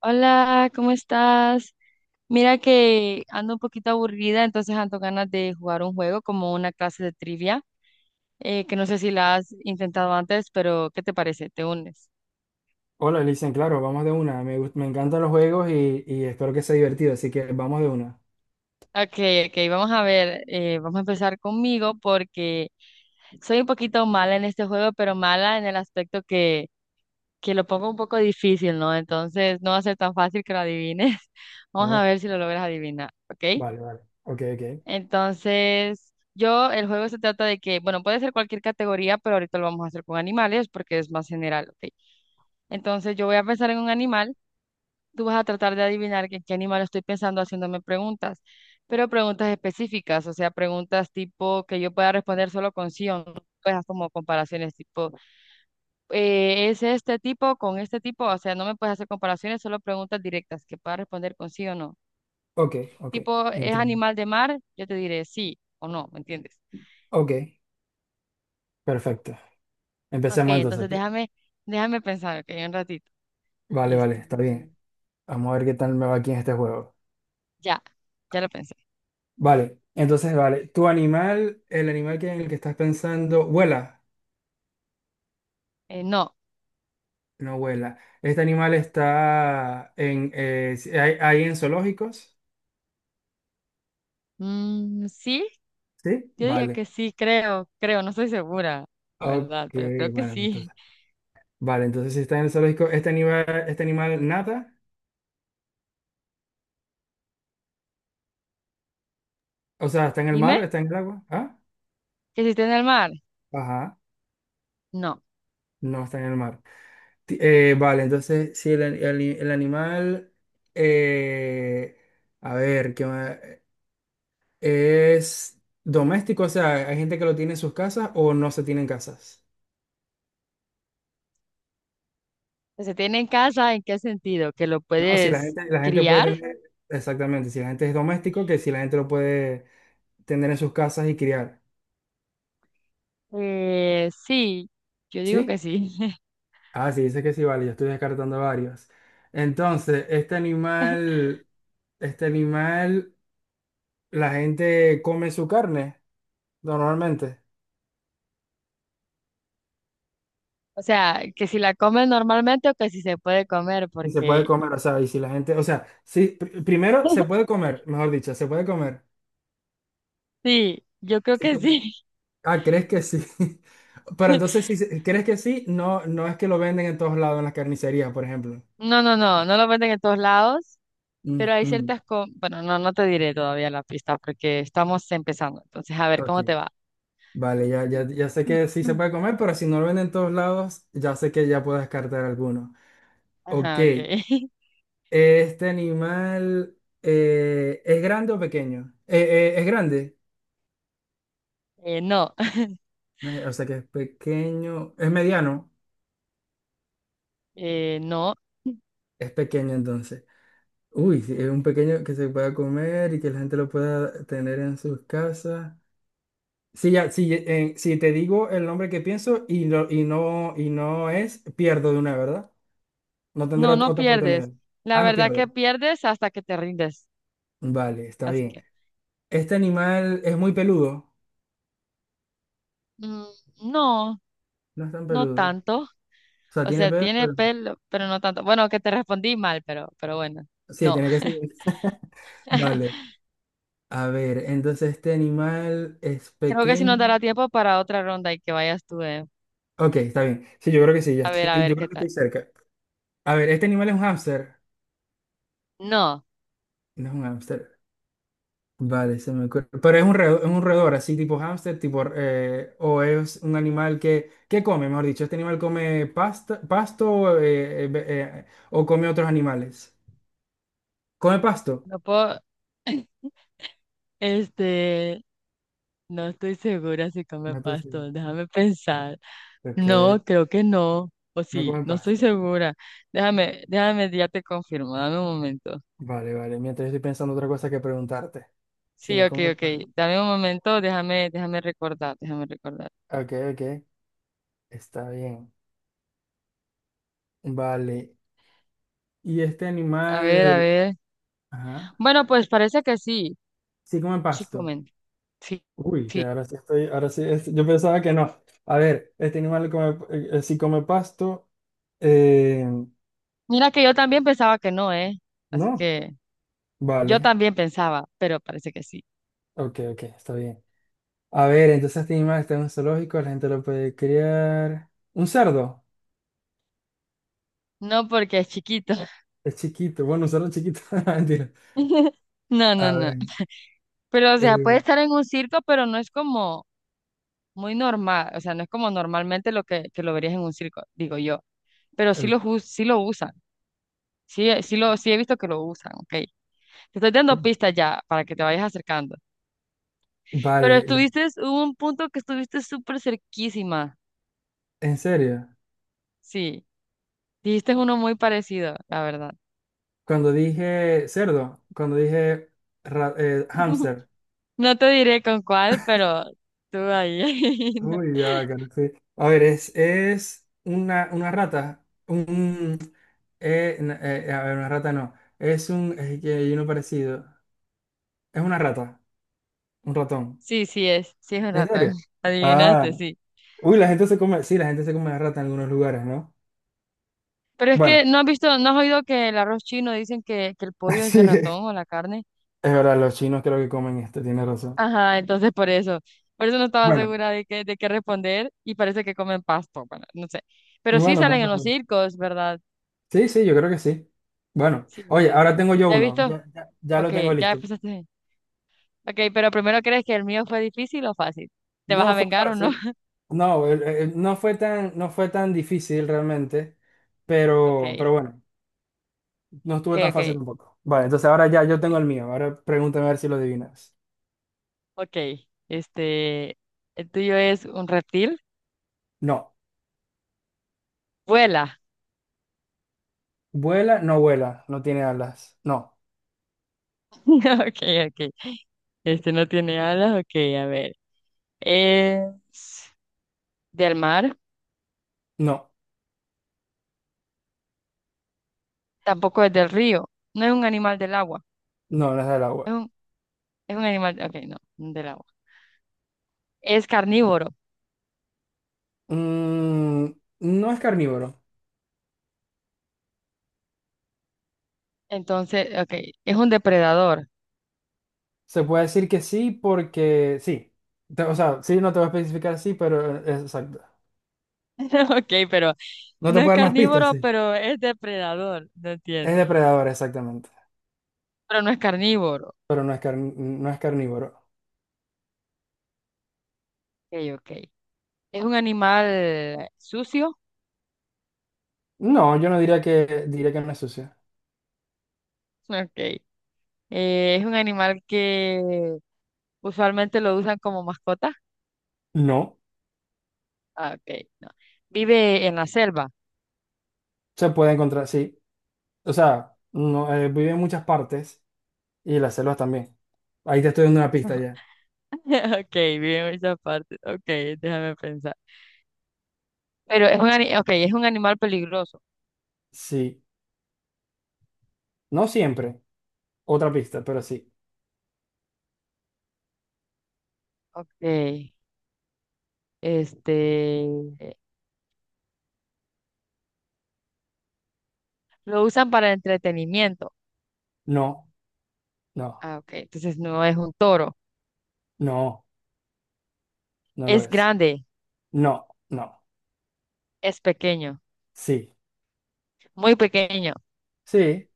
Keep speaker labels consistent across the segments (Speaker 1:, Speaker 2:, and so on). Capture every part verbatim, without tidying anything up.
Speaker 1: Hola, ¿cómo estás? Mira que ando un poquito aburrida, entonces ando ganas de jugar un juego como una clase de trivia, eh, que no sé si la has intentado antes, pero ¿qué te parece? ¿Te unes?
Speaker 2: Hola, Licen, claro, vamos de una. Me, gust- me encantan los juegos y, y espero que sea divertido, así que vamos de una.
Speaker 1: Ok, ok, vamos a ver, eh, vamos a empezar conmigo porque soy un poquito mala en este juego, pero mala en el aspecto que, que lo pongo un poco difícil, ¿no? Entonces no va a ser tan fácil que lo adivines. Vamos a
Speaker 2: Ah,
Speaker 1: ver si lo logras adivinar, ¿ok?
Speaker 2: vale, vale. Ok, ok.
Speaker 1: Entonces, yo, el juego se trata de que, bueno, puede ser cualquier categoría, pero ahorita lo vamos a hacer con animales porque es más general, ¿ok? Entonces, yo voy a pensar en un animal, tú vas a tratar de adivinar en qué animal estoy pensando haciéndome preguntas, pero preguntas específicas, o sea, preguntas tipo que yo pueda responder solo con sí o no. Pues como comparaciones tipo, eh, ¿es este tipo con este tipo? O sea, no me puedes hacer comparaciones, solo preguntas directas que pueda responder con sí o no.
Speaker 2: Ok, ok.
Speaker 1: Tipo, ¿es
Speaker 2: Entiendo.
Speaker 1: animal de mar? Yo te diré sí o no, ¿me entiendes?
Speaker 2: Ok, perfecto.
Speaker 1: Ok,
Speaker 2: Empecemos entonces.
Speaker 1: entonces
Speaker 2: pi-
Speaker 1: déjame, déjame pensar, ok, un ratito.
Speaker 2: Vale, vale,
Speaker 1: Este,
Speaker 2: está bien. Vamos a ver qué tal me va aquí en este juego.
Speaker 1: ya, ya lo pensé.
Speaker 2: Vale, entonces, vale. ¿Tu animal, el animal que en el que estás pensando, vuela?
Speaker 1: Eh, no.
Speaker 2: No vuela. ¿Este animal está en, eh, si- hay, hay en zoológicos?
Speaker 1: Mm, sí,
Speaker 2: Sí.
Speaker 1: yo diría
Speaker 2: Vale.
Speaker 1: que sí, creo, creo, no estoy segura, la
Speaker 2: Ok,
Speaker 1: verdad, pero creo que
Speaker 2: bueno,
Speaker 1: sí.
Speaker 2: entonces. Vale, entonces si está en el zoológico, este animal, este animal nada, o sea, está en el
Speaker 1: Dime,
Speaker 2: mar, está en el agua, ¿ah?
Speaker 1: ¿que se tiene en el mar?
Speaker 2: Ajá,
Speaker 1: No.
Speaker 2: no está en el mar. Ti- eh, vale, entonces si el, el- el animal, eh, a ver, ¿qué más? ¿Es doméstico? O sea, ¿hay gente que lo tiene en sus casas o no se tiene en casas?
Speaker 1: ¿Que se tiene en casa? ¿En qué sentido? ¿Que lo
Speaker 2: No, si la
Speaker 1: puedes
Speaker 2: gente, la gente puede
Speaker 1: criar?
Speaker 2: tener, exactamente, si la gente es doméstico, que si la gente lo puede tener en sus casas y criar,
Speaker 1: Eh, sí, yo digo que
Speaker 2: ¿sí?
Speaker 1: sí.
Speaker 2: Ah, sí, dice que sí, vale, yo estoy descartando varios. Entonces, este animal, este animal, la gente come su carne normalmente
Speaker 1: O sea, que si la comes normalmente o que si se puede comer,
Speaker 2: y se puede
Speaker 1: porque
Speaker 2: comer, o sea, y si la gente, o sea, sí, pr- primero se puede comer, mejor dicho, se puede comer.
Speaker 1: sí, yo creo
Speaker 2: Sí,
Speaker 1: que
Speaker 2: se puede.
Speaker 1: sí.
Speaker 2: Ah, ¿crees que sí? Pero entonces, si se- crees que sí, no, no es que lo venden en todos lados en las carnicerías, por ejemplo.
Speaker 1: No, no, no, no lo venden en todos lados. Pero hay
Speaker 2: Ujú,
Speaker 1: ciertas cosas, bueno, no, no te diré todavía la pista porque estamos empezando. Entonces, a ver
Speaker 2: ok.
Speaker 1: cómo te va.
Speaker 2: Vale, ya, ya, ya sé que sí se puede comer, pero si no lo venden en todos lados, ya sé que ya puedo descartar alguno. Ok,
Speaker 1: Ajá, ok.
Speaker 2: este animal, eh, ¿es grande o pequeño? Eh, eh, ¿es grande?
Speaker 1: Eh, no,
Speaker 2: Eh, o sea, ¿que es pequeño, es mediano?
Speaker 1: eh, no,
Speaker 2: Es pequeño entonces. Uy, sí, es un pequeño que se pueda comer y que la gente lo pueda tener en sus casas. Sí, ya, sí, eh, si te digo el nombre que pienso y no, y no, y no es, pierdo de una, ¿verdad? No tendré
Speaker 1: no,
Speaker 2: ot-
Speaker 1: no
Speaker 2: otra
Speaker 1: pierdes.
Speaker 2: oportunidad.
Speaker 1: La
Speaker 2: Ah, no
Speaker 1: verdad que
Speaker 2: pierdo.
Speaker 1: pierdes hasta que te rindes.
Speaker 2: Vale, está
Speaker 1: Así
Speaker 2: bien.
Speaker 1: que,
Speaker 2: ¿Este animal es muy peludo?
Speaker 1: mm, no,
Speaker 2: No es tan
Speaker 1: no
Speaker 2: peludo. O
Speaker 1: tanto.
Speaker 2: sea,
Speaker 1: O
Speaker 2: tiene
Speaker 1: sea,
Speaker 2: pelo,
Speaker 1: tiene
Speaker 2: pero...
Speaker 1: pelo, pero no tanto. Bueno, que te respondí mal, pero, pero bueno,
Speaker 2: Sí,
Speaker 1: no.
Speaker 2: tiene que ser. Vale. A ver, entonces este animal es
Speaker 1: Creo que si nos
Speaker 2: pequeño.
Speaker 1: dará tiempo para otra ronda y que vayas tú, eh.
Speaker 2: Ok, está bien. Sí, yo creo que sí, ya
Speaker 1: A ver, a
Speaker 2: estoy,
Speaker 1: ver
Speaker 2: yo
Speaker 1: qué
Speaker 2: creo que
Speaker 1: tal.
Speaker 2: estoy cerca. A ver, ¿este animal es un hámster?
Speaker 1: No,
Speaker 2: No es un hámster. Vale, se me ocurre. Pero ¿es un roedor, es un roedor, así tipo hámster, tipo, eh, o es un animal que, que come, mejor dicho, este animal come pasta, pasto, eh, eh, ve- eh, o come otros animales? ¿Come pasto?
Speaker 1: no puedo. Este, No estoy segura si come
Speaker 2: No, entonces,
Speaker 1: pasto, déjame pensar.
Speaker 2: ok,
Speaker 1: No, creo que no, o
Speaker 2: no
Speaker 1: sí,
Speaker 2: come
Speaker 1: no estoy
Speaker 2: pasto.
Speaker 1: segura. Déjame, déjame, ya te confirmo, dame un momento.
Speaker 2: Vale, vale. Mientras, estoy pensando otra cosa que preguntarte. Si
Speaker 1: Sí,
Speaker 2: no,
Speaker 1: ok,
Speaker 2: ¿cómo está?
Speaker 1: ok, dame un momento, déjame, déjame recordar, déjame recordar.
Speaker 2: Ok, ok. Está bien. Vale. ¿Y este
Speaker 1: A ver, a
Speaker 2: animal,
Speaker 1: ver.
Speaker 2: ajá,
Speaker 1: Bueno, pues parece que sí,
Speaker 2: sí come
Speaker 1: sí
Speaker 2: pasto?
Speaker 1: comen, sí,
Speaker 2: Uy, que
Speaker 1: sí.
Speaker 2: ahora sí estoy, ahora sí, es- yo pensaba que no. A ver, este animal come, eh, eh, sí come pasto. Eh,
Speaker 1: Mira que yo también pensaba que no, ¿eh? Así
Speaker 2: no.
Speaker 1: que yo
Speaker 2: Vale.
Speaker 1: también pensaba, pero parece que sí.
Speaker 2: Ok, ok, está bien. A ver, entonces este animal está en un zoológico, la gente lo puede criar. ¿Un cerdo?
Speaker 1: No porque es chiquito.
Speaker 2: Es chiquito. Bueno, un cerdo chiquito. Mentira.
Speaker 1: No, no,
Speaker 2: A
Speaker 1: no.
Speaker 2: ver.
Speaker 1: Pero, o sea, puede
Speaker 2: Eh,
Speaker 1: estar en un circo, pero no es como, muy normal, o sea, no es como normalmente lo que, que lo verías en un circo, digo yo, pero sí lo, jus- sí lo usan, sí, eh, sí, lo, sí he visto que lo usan, ok. Te estoy
Speaker 2: ok.
Speaker 1: dando pistas ya para que te vayas acercando, pero
Speaker 2: Vale, le-
Speaker 1: estuviste, hubo un punto que estuviste súper cerquísima,
Speaker 2: ¿en serio?
Speaker 1: sí, dijiste uno muy parecido, la verdad.
Speaker 2: Cuando dije cerdo, cuando dije ra- eh, hámster.
Speaker 1: No te diré con cuál, pero tú ahí.
Speaker 2: Uy, ya va, que no sé. A ver, es, es una, una rata. Un, eh, n- eh, eh, a ver, una rata no. Es un, es que hay uno parecido. Es una rata, un ratón.
Speaker 1: Sí, sí es, sí es un
Speaker 2: ¿En
Speaker 1: ratón,
Speaker 2: serio? Ah,
Speaker 1: adivinaste, sí.
Speaker 2: uy, la gente se come, sí, la gente se come la rata en algunos lugares, ¿no?
Speaker 1: Pero es que
Speaker 2: Bueno,
Speaker 1: no has visto, no has oído que el arroz chino dicen que, que el pollo es
Speaker 2: sí,
Speaker 1: de
Speaker 2: es...
Speaker 1: ratón o la carne.
Speaker 2: Es verdad, los chinos creo que comen esto, tiene razón.
Speaker 1: Ajá, entonces por eso, por eso no estaba
Speaker 2: Bueno,
Speaker 1: segura de qué, de qué responder y parece que comen pasto, bueno, no sé. Pero sí
Speaker 2: bueno, no
Speaker 1: salen en los
Speaker 2: sabía.
Speaker 1: circos, ¿verdad?
Speaker 2: Sí, sí, yo creo que sí. Bueno,
Speaker 1: Sí,
Speaker 2: oye, ahora
Speaker 1: entonces,
Speaker 2: tengo yo
Speaker 1: ¿ya he
Speaker 2: uno.
Speaker 1: visto?
Speaker 2: Ya, ya- ya
Speaker 1: Ok,
Speaker 2: lo tengo
Speaker 1: ya
Speaker 2: listo.
Speaker 1: empezaste. Ok, pero primero, ¿crees que el mío fue difícil o fácil? ¿Te vas a
Speaker 2: No fue
Speaker 1: vengar o no?
Speaker 2: fácil. No, el- el- no fue tan, no fue tan difícil realmente,
Speaker 1: Ok,
Speaker 2: pero, pero bueno, no
Speaker 1: ok,
Speaker 2: estuvo tan fácil
Speaker 1: ok,
Speaker 2: tampoco. Vale, entonces ahora ya yo tengo
Speaker 1: ok,
Speaker 2: el mío. Ahora pregúntame a ver si lo adivinas.
Speaker 1: ok. Este, el tuyo es un reptil,
Speaker 2: No.
Speaker 1: vuela.
Speaker 2: Vuela, no vuela, no tiene alas. No,
Speaker 1: Ok, ok. Este no tiene alas, ok, a ver. Es del mar,
Speaker 2: no,
Speaker 1: tampoco es del río, no es un animal del agua.
Speaker 2: no, no es del
Speaker 1: Es
Speaker 2: agua.
Speaker 1: un, es un animal, ok, no, del agua. Es carnívoro,
Speaker 2: Mm, no es carnívoro.
Speaker 1: entonces, ok, es un depredador.
Speaker 2: Se puede decir que sí porque sí. Te- O sea, sí, no te voy a especificar sí, pero eh, exacto.
Speaker 1: Ok, pero
Speaker 2: No te
Speaker 1: no
Speaker 2: puedo
Speaker 1: es
Speaker 2: dar más pistas,
Speaker 1: carnívoro,
Speaker 2: sí.
Speaker 1: pero es depredador, no
Speaker 2: Es
Speaker 1: entiendo.
Speaker 2: depredador, exactamente.
Speaker 1: Pero no es carnívoro,
Speaker 2: Pero no es car- no es carnívoro.
Speaker 1: ok, ok. Es un animal sucio,
Speaker 2: No, yo no diría que... Diría que no es sucia.
Speaker 1: ok. Eh, es un animal que usualmente lo usan como mascota,
Speaker 2: No,
Speaker 1: ah, ok, no. Vive en la selva,
Speaker 2: se puede encontrar, sí. O sea, no, eh, vive en muchas partes y las selvas también. Ahí te estoy dando una pista ya.
Speaker 1: ok, vive en muchas partes, ok, déjame pensar. Pero es un, ani- ok, es un animal peligroso,
Speaker 2: Sí. No siempre. Otra pista, pero sí.
Speaker 1: ok. Este, eh, lo usan para entretenimiento.
Speaker 2: No, no,
Speaker 1: Ah, ok. Entonces no es un toro.
Speaker 2: no, no lo
Speaker 1: Es
Speaker 2: es.
Speaker 1: grande,
Speaker 2: No, no.
Speaker 1: es pequeño,
Speaker 2: Sí,
Speaker 1: muy pequeño.
Speaker 2: sí,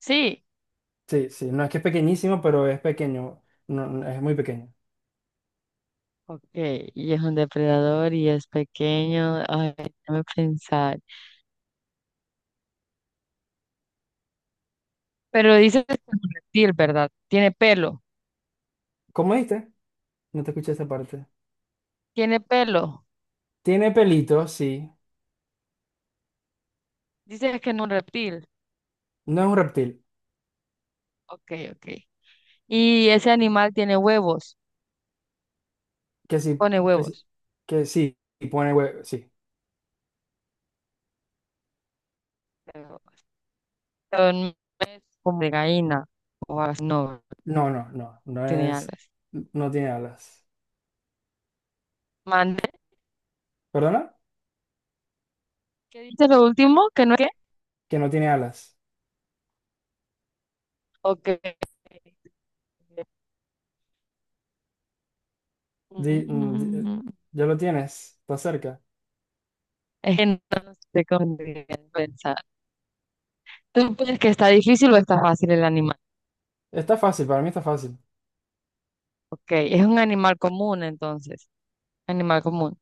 Speaker 1: Sí.
Speaker 2: sí, sí. No es que es pequeñísimo, pero es pequeño. No, no, es muy pequeño.
Speaker 1: Ok, y es un depredador y es pequeño. Ay, déjame pensar. Pero dices que es un reptil, ¿verdad? Tiene pelo.
Speaker 2: ¿Cómo dijiste? No te escuché esa parte.
Speaker 1: Tiene pelo.
Speaker 2: Tiene pelito, sí.
Speaker 1: Dices que es un reptil.
Speaker 2: No es un reptil.
Speaker 1: Ok, ok. Y ese animal tiene huevos.
Speaker 2: Que sí,
Speaker 1: Pone
Speaker 2: que, sí-
Speaker 1: huevos.
Speaker 2: que sí, y pone huevo, sí.
Speaker 1: Pero no es como de gallina o algo así. No,
Speaker 2: No, no, no, no
Speaker 1: tiene
Speaker 2: es,
Speaker 1: alas.
Speaker 2: no tiene alas.
Speaker 1: Mande.
Speaker 2: ¿Perdona?
Speaker 1: ¿Qué dice lo último? ¿Que no es qué?
Speaker 2: Que no tiene alas.
Speaker 1: ¿O que-
Speaker 2: Di- mm, di- eh,
Speaker 1: Mm,
Speaker 2: ya lo tienes, está cerca.
Speaker 1: es que no sé cómo pensar. ¿Tú piensas que está difícil o está fácil el animal?
Speaker 2: Está fácil, para mí está fácil.
Speaker 1: Ok, es un animal común entonces, animal común.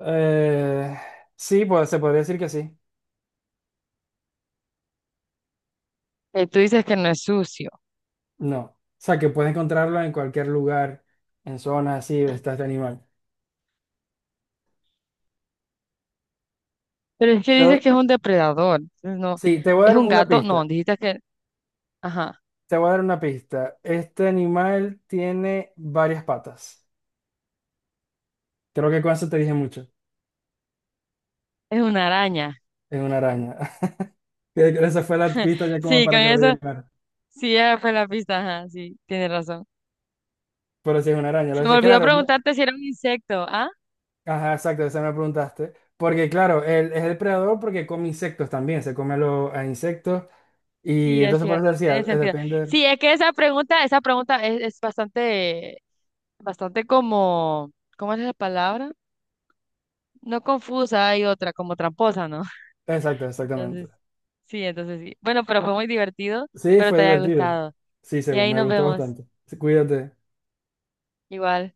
Speaker 2: Eh, sí, pues se podría decir que sí.
Speaker 1: Eh, tú dices que no es sucio,
Speaker 2: No. O sea, que puedes encontrarlo en cualquier lugar, en zonas así, está este animal.
Speaker 1: pero es que
Speaker 2: Te
Speaker 1: dices
Speaker 2: doy-
Speaker 1: que es un depredador. Entonces no,
Speaker 2: Sí, te voy a
Speaker 1: ¿es
Speaker 2: dar
Speaker 1: un
Speaker 2: una
Speaker 1: gato? No,
Speaker 2: pista.
Speaker 1: dijiste que, ajá,
Speaker 2: Te voy a dar una pista. Este animal tiene varias patas. Creo que con eso te dije mucho.
Speaker 1: es una araña.
Speaker 2: Es una araña. Que- que esa fue la pista ya como
Speaker 1: Sí, con
Speaker 2: para que lo
Speaker 1: eso,
Speaker 2: adivinara.
Speaker 1: sí, ya fue la pista, ajá, sí, tienes razón.
Speaker 2: Pero sí es una araña.
Speaker 1: Se
Speaker 2: Lo
Speaker 1: me
Speaker 2: dice,
Speaker 1: olvidó
Speaker 2: claro. Él...
Speaker 1: preguntarte si era un insecto, ¿ah?
Speaker 2: Ajá, exacto, esa me preguntaste. Porque claro, él es el predador porque come insectos también. Se come lo- a insectos.
Speaker 1: Sí,
Speaker 2: Y
Speaker 1: es
Speaker 2: entonces por
Speaker 1: cierto,
Speaker 2: eso decía,
Speaker 1: tiene
Speaker 2: eh,
Speaker 1: sentido.
Speaker 2: depende.
Speaker 1: Sí, es que esa pregunta, esa pregunta es, es bastante, bastante como, ¿cómo es la palabra? No confusa, hay otra, como tramposa, ¿no?
Speaker 2: Exacto, exactamente.
Speaker 1: Entonces, sí, entonces sí. Bueno, pero fue muy divertido,
Speaker 2: Sí,
Speaker 1: pero
Speaker 2: fue
Speaker 1: te haya
Speaker 2: divertido.
Speaker 1: gustado.
Speaker 2: Sí,
Speaker 1: Y
Speaker 2: seguro.
Speaker 1: ahí
Speaker 2: Me
Speaker 1: nos
Speaker 2: gustó
Speaker 1: vemos,
Speaker 2: bastante. Sí, cuídate.
Speaker 1: igual.